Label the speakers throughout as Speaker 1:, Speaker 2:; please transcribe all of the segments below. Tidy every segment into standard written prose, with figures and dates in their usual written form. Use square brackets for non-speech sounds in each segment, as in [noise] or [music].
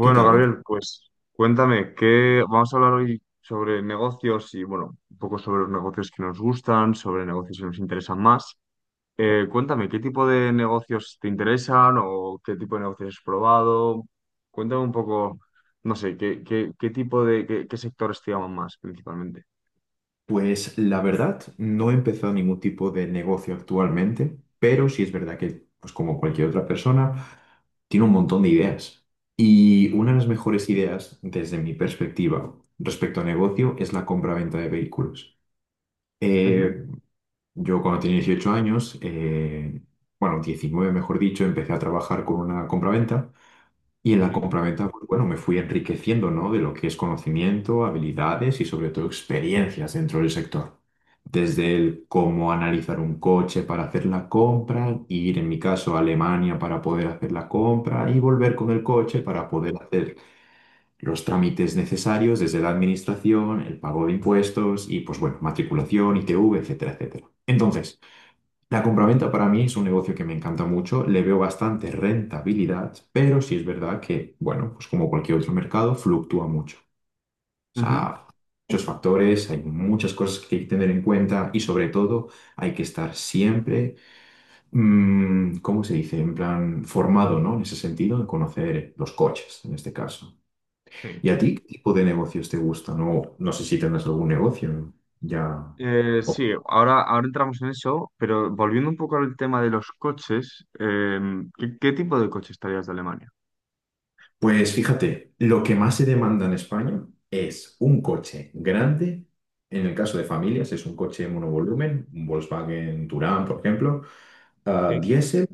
Speaker 1: ¿Qué tal, Gonzalo?
Speaker 2: Gabriel, pues cuéntame, ¿qué vamos a hablar hoy sobre negocios y, bueno, un poco sobre los negocios que nos gustan, sobre negocios que nos interesan más? Cuéntame, ¿qué tipo de negocios te interesan o qué tipo de negocios has probado? Cuéntame un poco, no sé, ¿qué tipo de, qué sectores te llaman más principalmente?
Speaker 1: Pues la verdad, no he empezado ningún tipo de negocio actualmente, pero sí es verdad que, pues como cualquier otra persona, tiene un montón de ideas. Y una de las mejores ideas, desde mi perspectiva, respecto a negocio, es la compra-venta de vehículos.
Speaker 2: Ujú.
Speaker 1: Eh, yo cuando tenía 18 años, bueno, 19 mejor dicho, empecé a trabajar con una compraventa. Y en la
Speaker 2: Sí,
Speaker 1: compraventa, pues bueno, me fui enriqueciendo, ¿no? De lo que es conocimiento, habilidades y sobre todo experiencias dentro del sector. Desde el cómo analizar un coche para hacer la compra, ir en mi caso a Alemania para poder hacer la compra y volver con el coche para poder hacer los trámites necesarios desde la administración, el pago de impuestos y pues bueno, matriculación, ITV, etcétera, etcétera. Entonces, la compraventa para mí es un negocio que me encanta mucho, le veo bastante rentabilidad, pero sí es verdad que, bueno, pues como cualquier otro mercado, fluctúa mucho. O
Speaker 2: ujú.
Speaker 1: sea, muchos factores, hay muchas cosas que hay que tener en cuenta y sobre todo hay que estar siempre, ¿cómo se dice? En plan, formado, ¿no? En ese sentido, de conocer los coches, en este caso.
Speaker 2: Sí.
Speaker 1: ¿Y a ti qué tipo de negocios te gustan? No sé si tendrás algún negocio ya.
Speaker 2: Sí, ahora entramos en eso, pero volviendo un poco al tema de los coches, ¿qué tipo de coche estarías de Alemania?
Speaker 1: Pues fíjate, lo que más se demanda en España es un coche grande, en el caso de familias es un coche monovolumen, un Volkswagen Touran, por ejemplo, ah,
Speaker 2: Sí.
Speaker 1: diésel,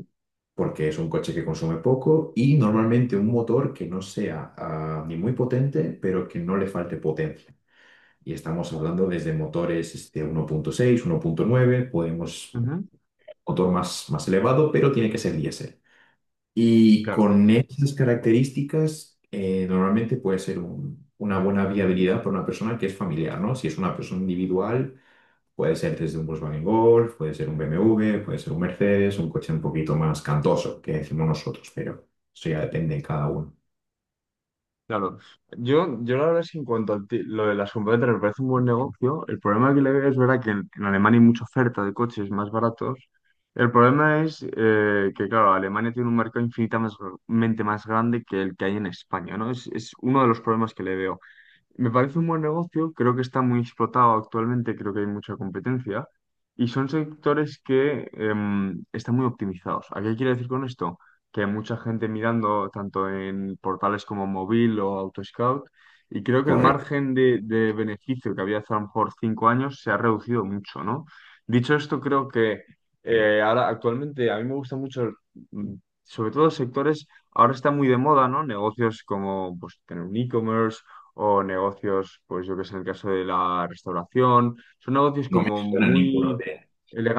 Speaker 1: porque es un coche que consume poco, y normalmente un motor que no sea ni muy potente, pero que no le falte potencia. Y estamos hablando desde motores este, uno uno punto seis, uno punto nueve, podemos
Speaker 2: Ujú.
Speaker 1: motor más, más elevado, pero tiene que ser diésel. Y
Speaker 2: Claro,
Speaker 1: con esas características, normalmente puede ser una buena viabilidad para una persona que es familiar, ¿no? Si es una persona individual, puede ser desde un Volkswagen Golf, puede ser un BMW, puede ser un Mercedes, un coche un poquito más cantoso, que decimos nosotros, pero eso ya depende de cada uno.
Speaker 2: claro. Yo la verdad es que en cuanto a lo de las compradoras me parece un buen negocio. El problema que le veo es verdad que en Alemania hay mucha oferta de coches más baratos. El problema es que, claro, Alemania tiene un mercado infinitamente más grande que el que hay en España, ¿no? Es uno de los problemas que le veo. Me parece un buen negocio, creo que está muy explotado actualmente, creo que hay mucha competencia y son sectores que están muy optimizados. ¿A qué quiero decir con esto? Que hay mucha gente mirando tanto en portales como Móvil o AutoScout, y creo que el
Speaker 1: Correcto.
Speaker 2: margen de beneficio que había hace a lo mejor 5 años se ha reducido mucho, ¿no? Dicho esto, creo que ahora actualmente a mí me gusta mucho, mm, sobre todo sectores, ahora está muy de moda, ¿no? Negocios como pues tener un e-commerce, o negocios, pues yo que sé, en el caso de la restauración, son negocios
Speaker 1: No me
Speaker 2: como
Speaker 1: suena ninguno
Speaker 2: muy
Speaker 1: de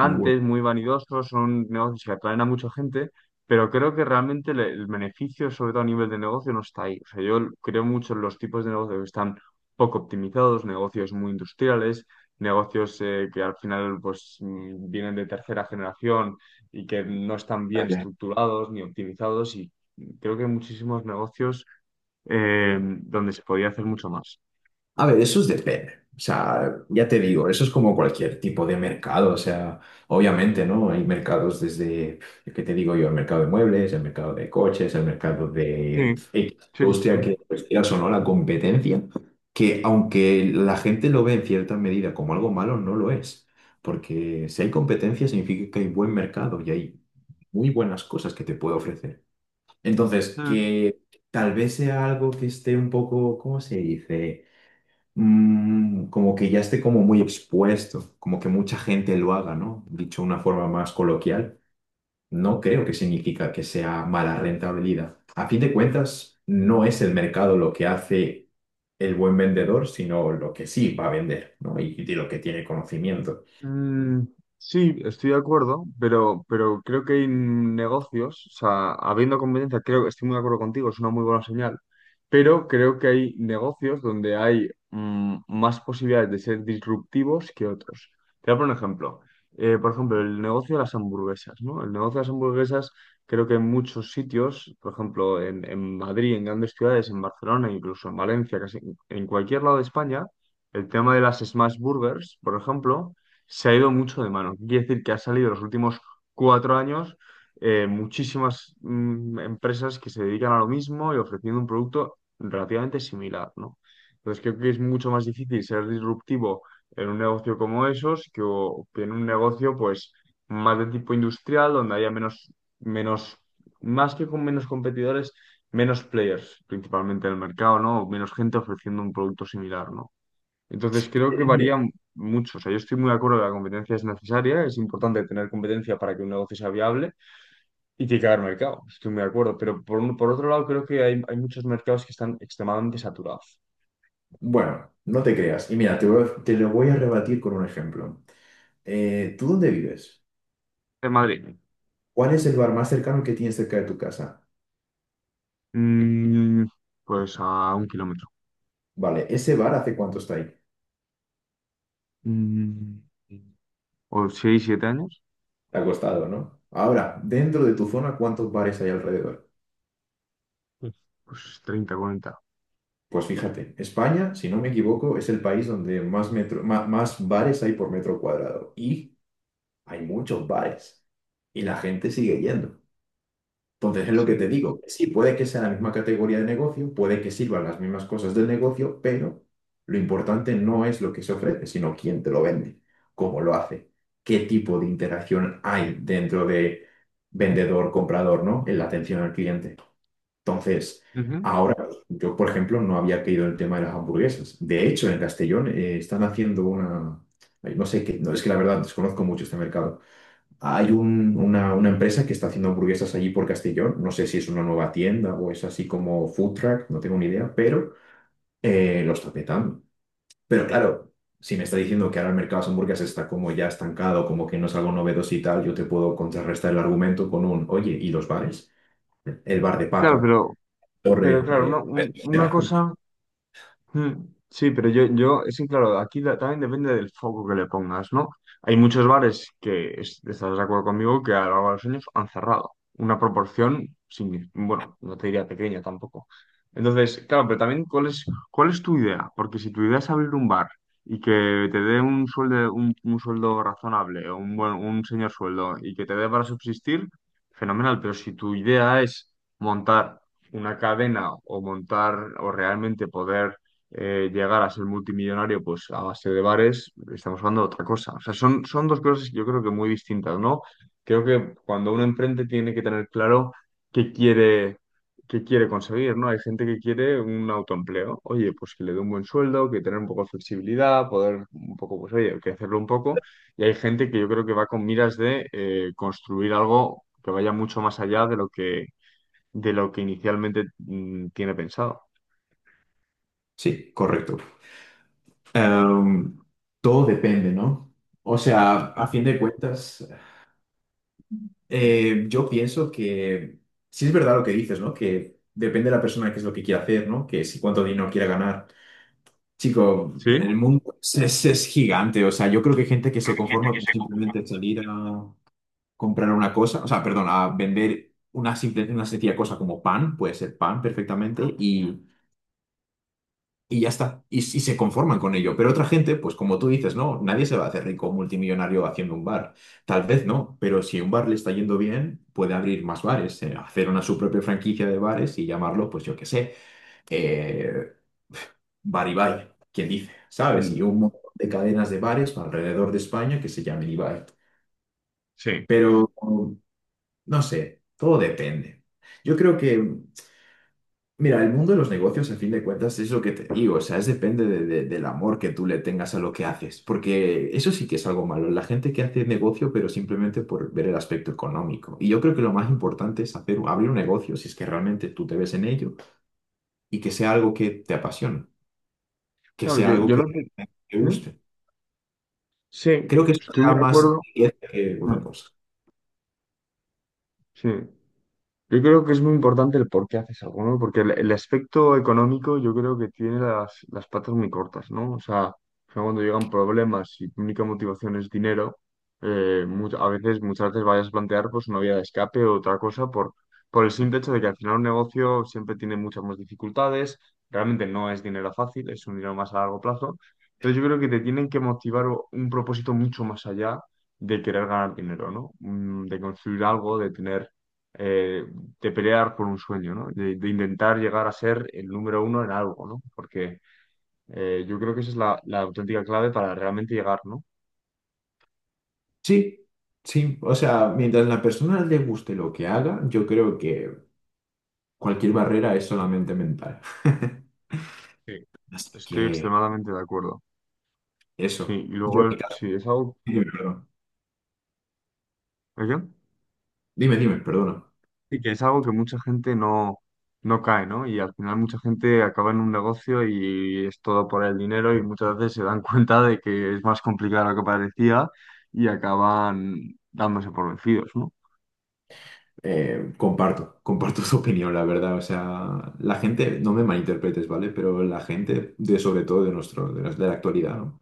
Speaker 1: ninguno.
Speaker 2: muy vanidosos, son negocios que atraen a mucha gente, pero creo que realmente el beneficio, sobre todo a nivel de negocio, no está ahí. O sea, yo creo mucho en los tipos de negocios que están poco optimizados, negocios muy industriales, negocios que al final pues vienen de tercera generación y que no están bien estructurados ni optimizados, y creo que muchísimos negocios donde se podía hacer mucho más.
Speaker 1: A ver, eso es depende. O sea, ya te digo, eso es como cualquier tipo de mercado. O sea, obviamente, ¿no? Hay mercados desde, ¿qué te digo yo? El mercado de muebles, el mercado de coches, el mercado de
Speaker 2: Sí,
Speaker 1: X
Speaker 2: sí, sí,
Speaker 1: industria, que pues, quieras o no, la competencia, que aunque la gente lo ve en cierta medida como algo malo, no lo es. Porque si hay competencia significa que hay buen mercado y hay muy buenas cosas que te puede ofrecer. Entonces,
Speaker 2: sí.
Speaker 1: que tal vez sea algo que esté un poco, ¿cómo se dice? Como que ya esté como muy expuesto, como que mucha gente lo haga, ¿no? Dicho de una forma más coloquial, no creo que significa que sea mala rentabilidad. A fin de cuentas, no es el mercado lo que hace el buen vendedor, sino lo que sí va a vender, ¿no? Y de lo que tiene conocimiento.
Speaker 2: Mm, sí, estoy de acuerdo, pero creo que hay negocios, o sea, habiendo competencia, creo que estoy muy de acuerdo contigo, es una muy buena señal, pero creo que hay negocios donde hay más posibilidades de ser disruptivos que otros. Te voy a poner un ejemplo. Por ejemplo, el negocio de las hamburguesas, ¿no? El negocio de las hamburguesas, creo que en muchos sitios, por ejemplo, en Madrid, en grandes ciudades, en Barcelona, incluso en Valencia, casi en cualquier lado de España, el tema de las smash burgers, por ejemplo, se ha ido mucho de mano. Quiere decir que ha salido los últimos 4 años muchísimas empresas que se dedican a lo mismo y ofreciendo un producto relativamente similar, ¿no? Entonces creo que es mucho más difícil ser disruptivo en un negocio como esos que, que en un negocio pues más de tipo industrial donde haya menos, más que con menos competidores, menos players principalmente en el mercado, ¿no? Menos gente ofreciendo un producto similar, ¿no? Entonces creo que
Speaker 1: Eh,
Speaker 2: varía mucho. O sea, yo estoy muy de acuerdo que la competencia es necesaria, es importante tener competencia para que un negocio sea viable y tiene que haber mercado. Estoy muy de acuerdo. Pero por otro lado, creo que hay muchos mercados que están extremadamente saturados.
Speaker 1: Bueno, no te creas. Y mira, te lo voy a rebatir con un ejemplo. ¿Tú dónde vives?
Speaker 2: De Madrid.
Speaker 1: ¿Cuál es el bar más cercano que tienes cerca de tu casa?
Speaker 2: mm, pues a 1 kilómetro.
Speaker 1: Vale, ¿ese bar hace cuánto está ahí?
Speaker 2: Mm, o 6 7 años.
Speaker 1: Acostado, ¿no? Ahora, dentro de tu zona, ¿cuántos bares hay alrededor?
Speaker 2: Pues pues 30 40.
Speaker 1: Pues fíjate, España, si no me equivoco, es el país donde más, metro, más, bares hay por metro cuadrado. Y hay muchos bares. Y la gente sigue yendo. Entonces es lo que te
Speaker 2: Sí.
Speaker 1: digo. Que sí, puede que sea la misma categoría de negocio, puede que sirvan las mismas cosas del negocio, pero lo importante no es lo que se ofrece, sino quién te lo vende, cómo lo hace, qué tipo de interacción hay dentro de vendedor-comprador, ¿no? En la atención al cliente. Entonces,
Speaker 2: Ujú.
Speaker 1: ahora, yo, por ejemplo, no había caído en el tema de las hamburguesas. De hecho, en Castellón están haciendo una... ay, no sé qué, no, es que la verdad desconozco mucho este mercado. Hay una empresa que está haciendo hamburguesas allí por Castellón. No sé si es una nueva tienda o es así como food truck, no tengo ni idea, pero lo está petando. Pero claro, si me está diciendo que ahora el mercado de las hamburguesas está como ya estancado, como que no es algo novedoso y tal, yo te puedo contrarrestar el argumento con un, oye, ¿y los bares? El bar de
Speaker 2: Claro,
Speaker 1: Paca.
Speaker 2: pero
Speaker 1: Torre,
Speaker 2: claro, una,
Speaker 1: eh,
Speaker 2: una
Speaker 1: ya,
Speaker 2: cosa. Mm, Sí, pero es que claro, aquí también depende del foco que le pongas, ¿no? Hay muchos bares que, estarás de acuerdo conmigo, que a lo largo de los años han cerrado. Una proporción, bueno, no te diría pequeña tampoco. Entonces, claro, pero también, cuál es tu idea? Porque si tu idea es abrir un bar y que te dé un sueldo, un sueldo razonable, o un buen, un señor sueldo, y que te dé para subsistir, fenomenal. Pero si tu idea es montar una cadena, o montar, o realmente poder llegar a ser multimillonario pues a base de bares, estamos hablando de otra cosa. O sea, son dos cosas que yo creo que muy distintas, ¿no? Creo que cuando uno emprende tiene que tener claro qué quiere, qué quiere conseguir, ¿no? Hay gente que quiere un autoempleo, oye, pues que le dé un buen sueldo, que tener un poco de flexibilidad, poder un poco, pues oye, que hacerlo un poco. Y hay gente que yo creo que va con miras de construir algo que vaya mucho más allá de lo que inicialmente tiene pensado.
Speaker 1: sí, correcto. Em, Todo depende, ¿no? O sea, a fin de cuentas, yo pienso que sí es verdad lo que dices, ¿no? Que depende de la persona qué es lo que quiere hacer, ¿no? Que si cuánto dinero quiere ganar. Chico,
Speaker 2: ¿Sí?
Speaker 1: el mundo es gigante. O sea, yo creo que hay gente que se conforma con simplemente salir a comprar una cosa, o sea, perdón, a vender una simple, una sencilla cosa como pan, puede ser pan perfectamente, y ya está. Y, s- y se conforman con ello. Pero otra gente, pues como tú dices, no, nadie se va a hacer rico multimillonario haciendo un bar. Tal vez no, pero si un bar le está yendo bien, puede abrir más bares, hacer una su propia franquicia de bares y llamarlo, pues yo qué sé, eh, Bar Ibai, quién dice, ¿sabes?
Speaker 2: Mm.
Speaker 1: Y un montón de cadenas de bares alrededor de España que se llamen Ibai.
Speaker 2: Sí.
Speaker 1: Pero no sé, todo depende. Yo creo que mira, el mundo de los negocios, a fin de cuentas, es lo que te digo, o sea, es depende del amor que tú le tengas a lo que haces, porque eso sí que es algo malo, la gente que hace negocio, pero simplemente por ver el aspecto económico. Y yo creo que lo más importante es hacer, abrir un negocio, si es que realmente tú te ves en ello, y que sea algo que te apasione, que
Speaker 2: Claro,
Speaker 1: sea
Speaker 2: yo,
Speaker 1: algo
Speaker 2: yo
Speaker 1: que
Speaker 2: lo que...
Speaker 1: te
Speaker 2: ¿Mm?
Speaker 1: guste.
Speaker 2: Sí,
Speaker 1: Creo que eso te
Speaker 2: estoy
Speaker 1: da
Speaker 2: muy de
Speaker 1: más
Speaker 2: acuerdo.
Speaker 1: riqueza que otra
Speaker 2: Mm.
Speaker 1: cosa.
Speaker 2: Sí. Yo creo que es muy importante el por qué haces algo, ¿no? Porque el aspecto económico yo creo que tiene las patas muy cortas, ¿no? O sea, al final cuando llegan problemas y tu única motivación es dinero, a veces, muchas veces vayas a plantear pues una vía de escape o otra cosa por el simple hecho de que al final un negocio siempre tiene muchas más dificultades, realmente no es dinero fácil, es un dinero más a largo plazo. Entonces yo creo que te tienen que motivar un propósito mucho más allá de querer ganar dinero, ¿no? De construir algo, de tener eh, de pelear por un sueño, ¿no? De intentar llegar a ser el número uno en algo, ¿no? Porque yo creo que esa es la, la auténtica clave para realmente llegar, ¿no?
Speaker 1: Sí, sí, o sea, mientras la persona le guste lo que haga, yo creo que cualquier barrera es solamente mental. [laughs]
Speaker 2: Sí,
Speaker 1: Así
Speaker 2: estoy
Speaker 1: que...
Speaker 2: extremadamente de acuerdo. Sí, y
Speaker 1: Eso.
Speaker 2: luego,
Speaker 1: Yo, en mi caso-
Speaker 2: sí, es algo,
Speaker 1: dime, perdón.
Speaker 2: ¿oye?
Speaker 1: Dime, perdona.
Speaker 2: Sí, que es algo que mucha gente no cae, ¿no? Y al final mucha gente acaba en un negocio y es todo por el dinero, y muchas veces se dan [laughs] cuenta de que es más complicado de lo que parecía y acaban dándose por vencidos, ¿no?
Speaker 1: Comparto [laughs] tu opinión, la verdad. O sea, la gente, no me malinterpretes, ¿vale? Pero la gente, de, sobre todo de nuestro, de, nos- de la actualidad, ¿no?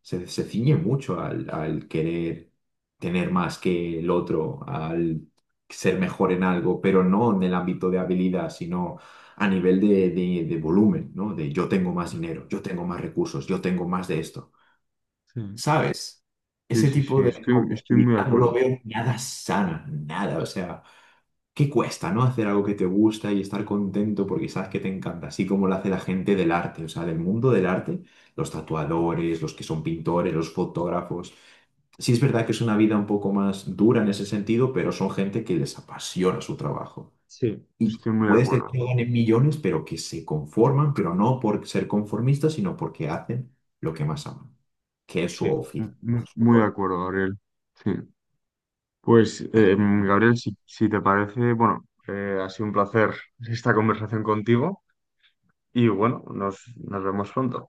Speaker 1: Se ciñe mucho al, al querer tener más que el otro, al ser mejor en algo, pero no en el ámbito de habilidad, sino a nivel de, de volumen, ¿no? De yo tengo más dinero, yo tengo más recursos, yo tengo más de esto.
Speaker 2: Sí.
Speaker 1: ¿Sabes?
Speaker 2: Sí,
Speaker 1: Ese
Speaker 2: sí, sí,
Speaker 1: tipo de
Speaker 2: estoy, estoy muy de
Speaker 1: competitividad no lo
Speaker 2: acuerdo.
Speaker 1: veo nada sana, nada. O sea, ¿qué cuesta, no? Hacer algo que te gusta y estar contento porque sabes que te encanta, así como lo hace la gente del arte, o sea, del mundo del arte, los tatuadores, los que son pintores, los fotógrafos. Sí es verdad que es una vida un poco más dura en ese sentido, pero son gente que les apasiona su trabajo.
Speaker 2: Sí,
Speaker 1: Y
Speaker 2: estoy muy de
Speaker 1: puedes tener
Speaker 2: acuerdo.
Speaker 1: que no ganen millones, pero que se conforman, pero no por ser conformistas, sino porque hacen lo que más aman, que es su
Speaker 2: Sí.
Speaker 1: oficio, su
Speaker 2: Muy de
Speaker 1: rol.
Speaker 2: acuerdo, Gabriel. Sí. Pues, Gabriel, si, si te parece, bueno, ha sido un placer esta conversación contigo, y bueno, nos, nos vemos pronto.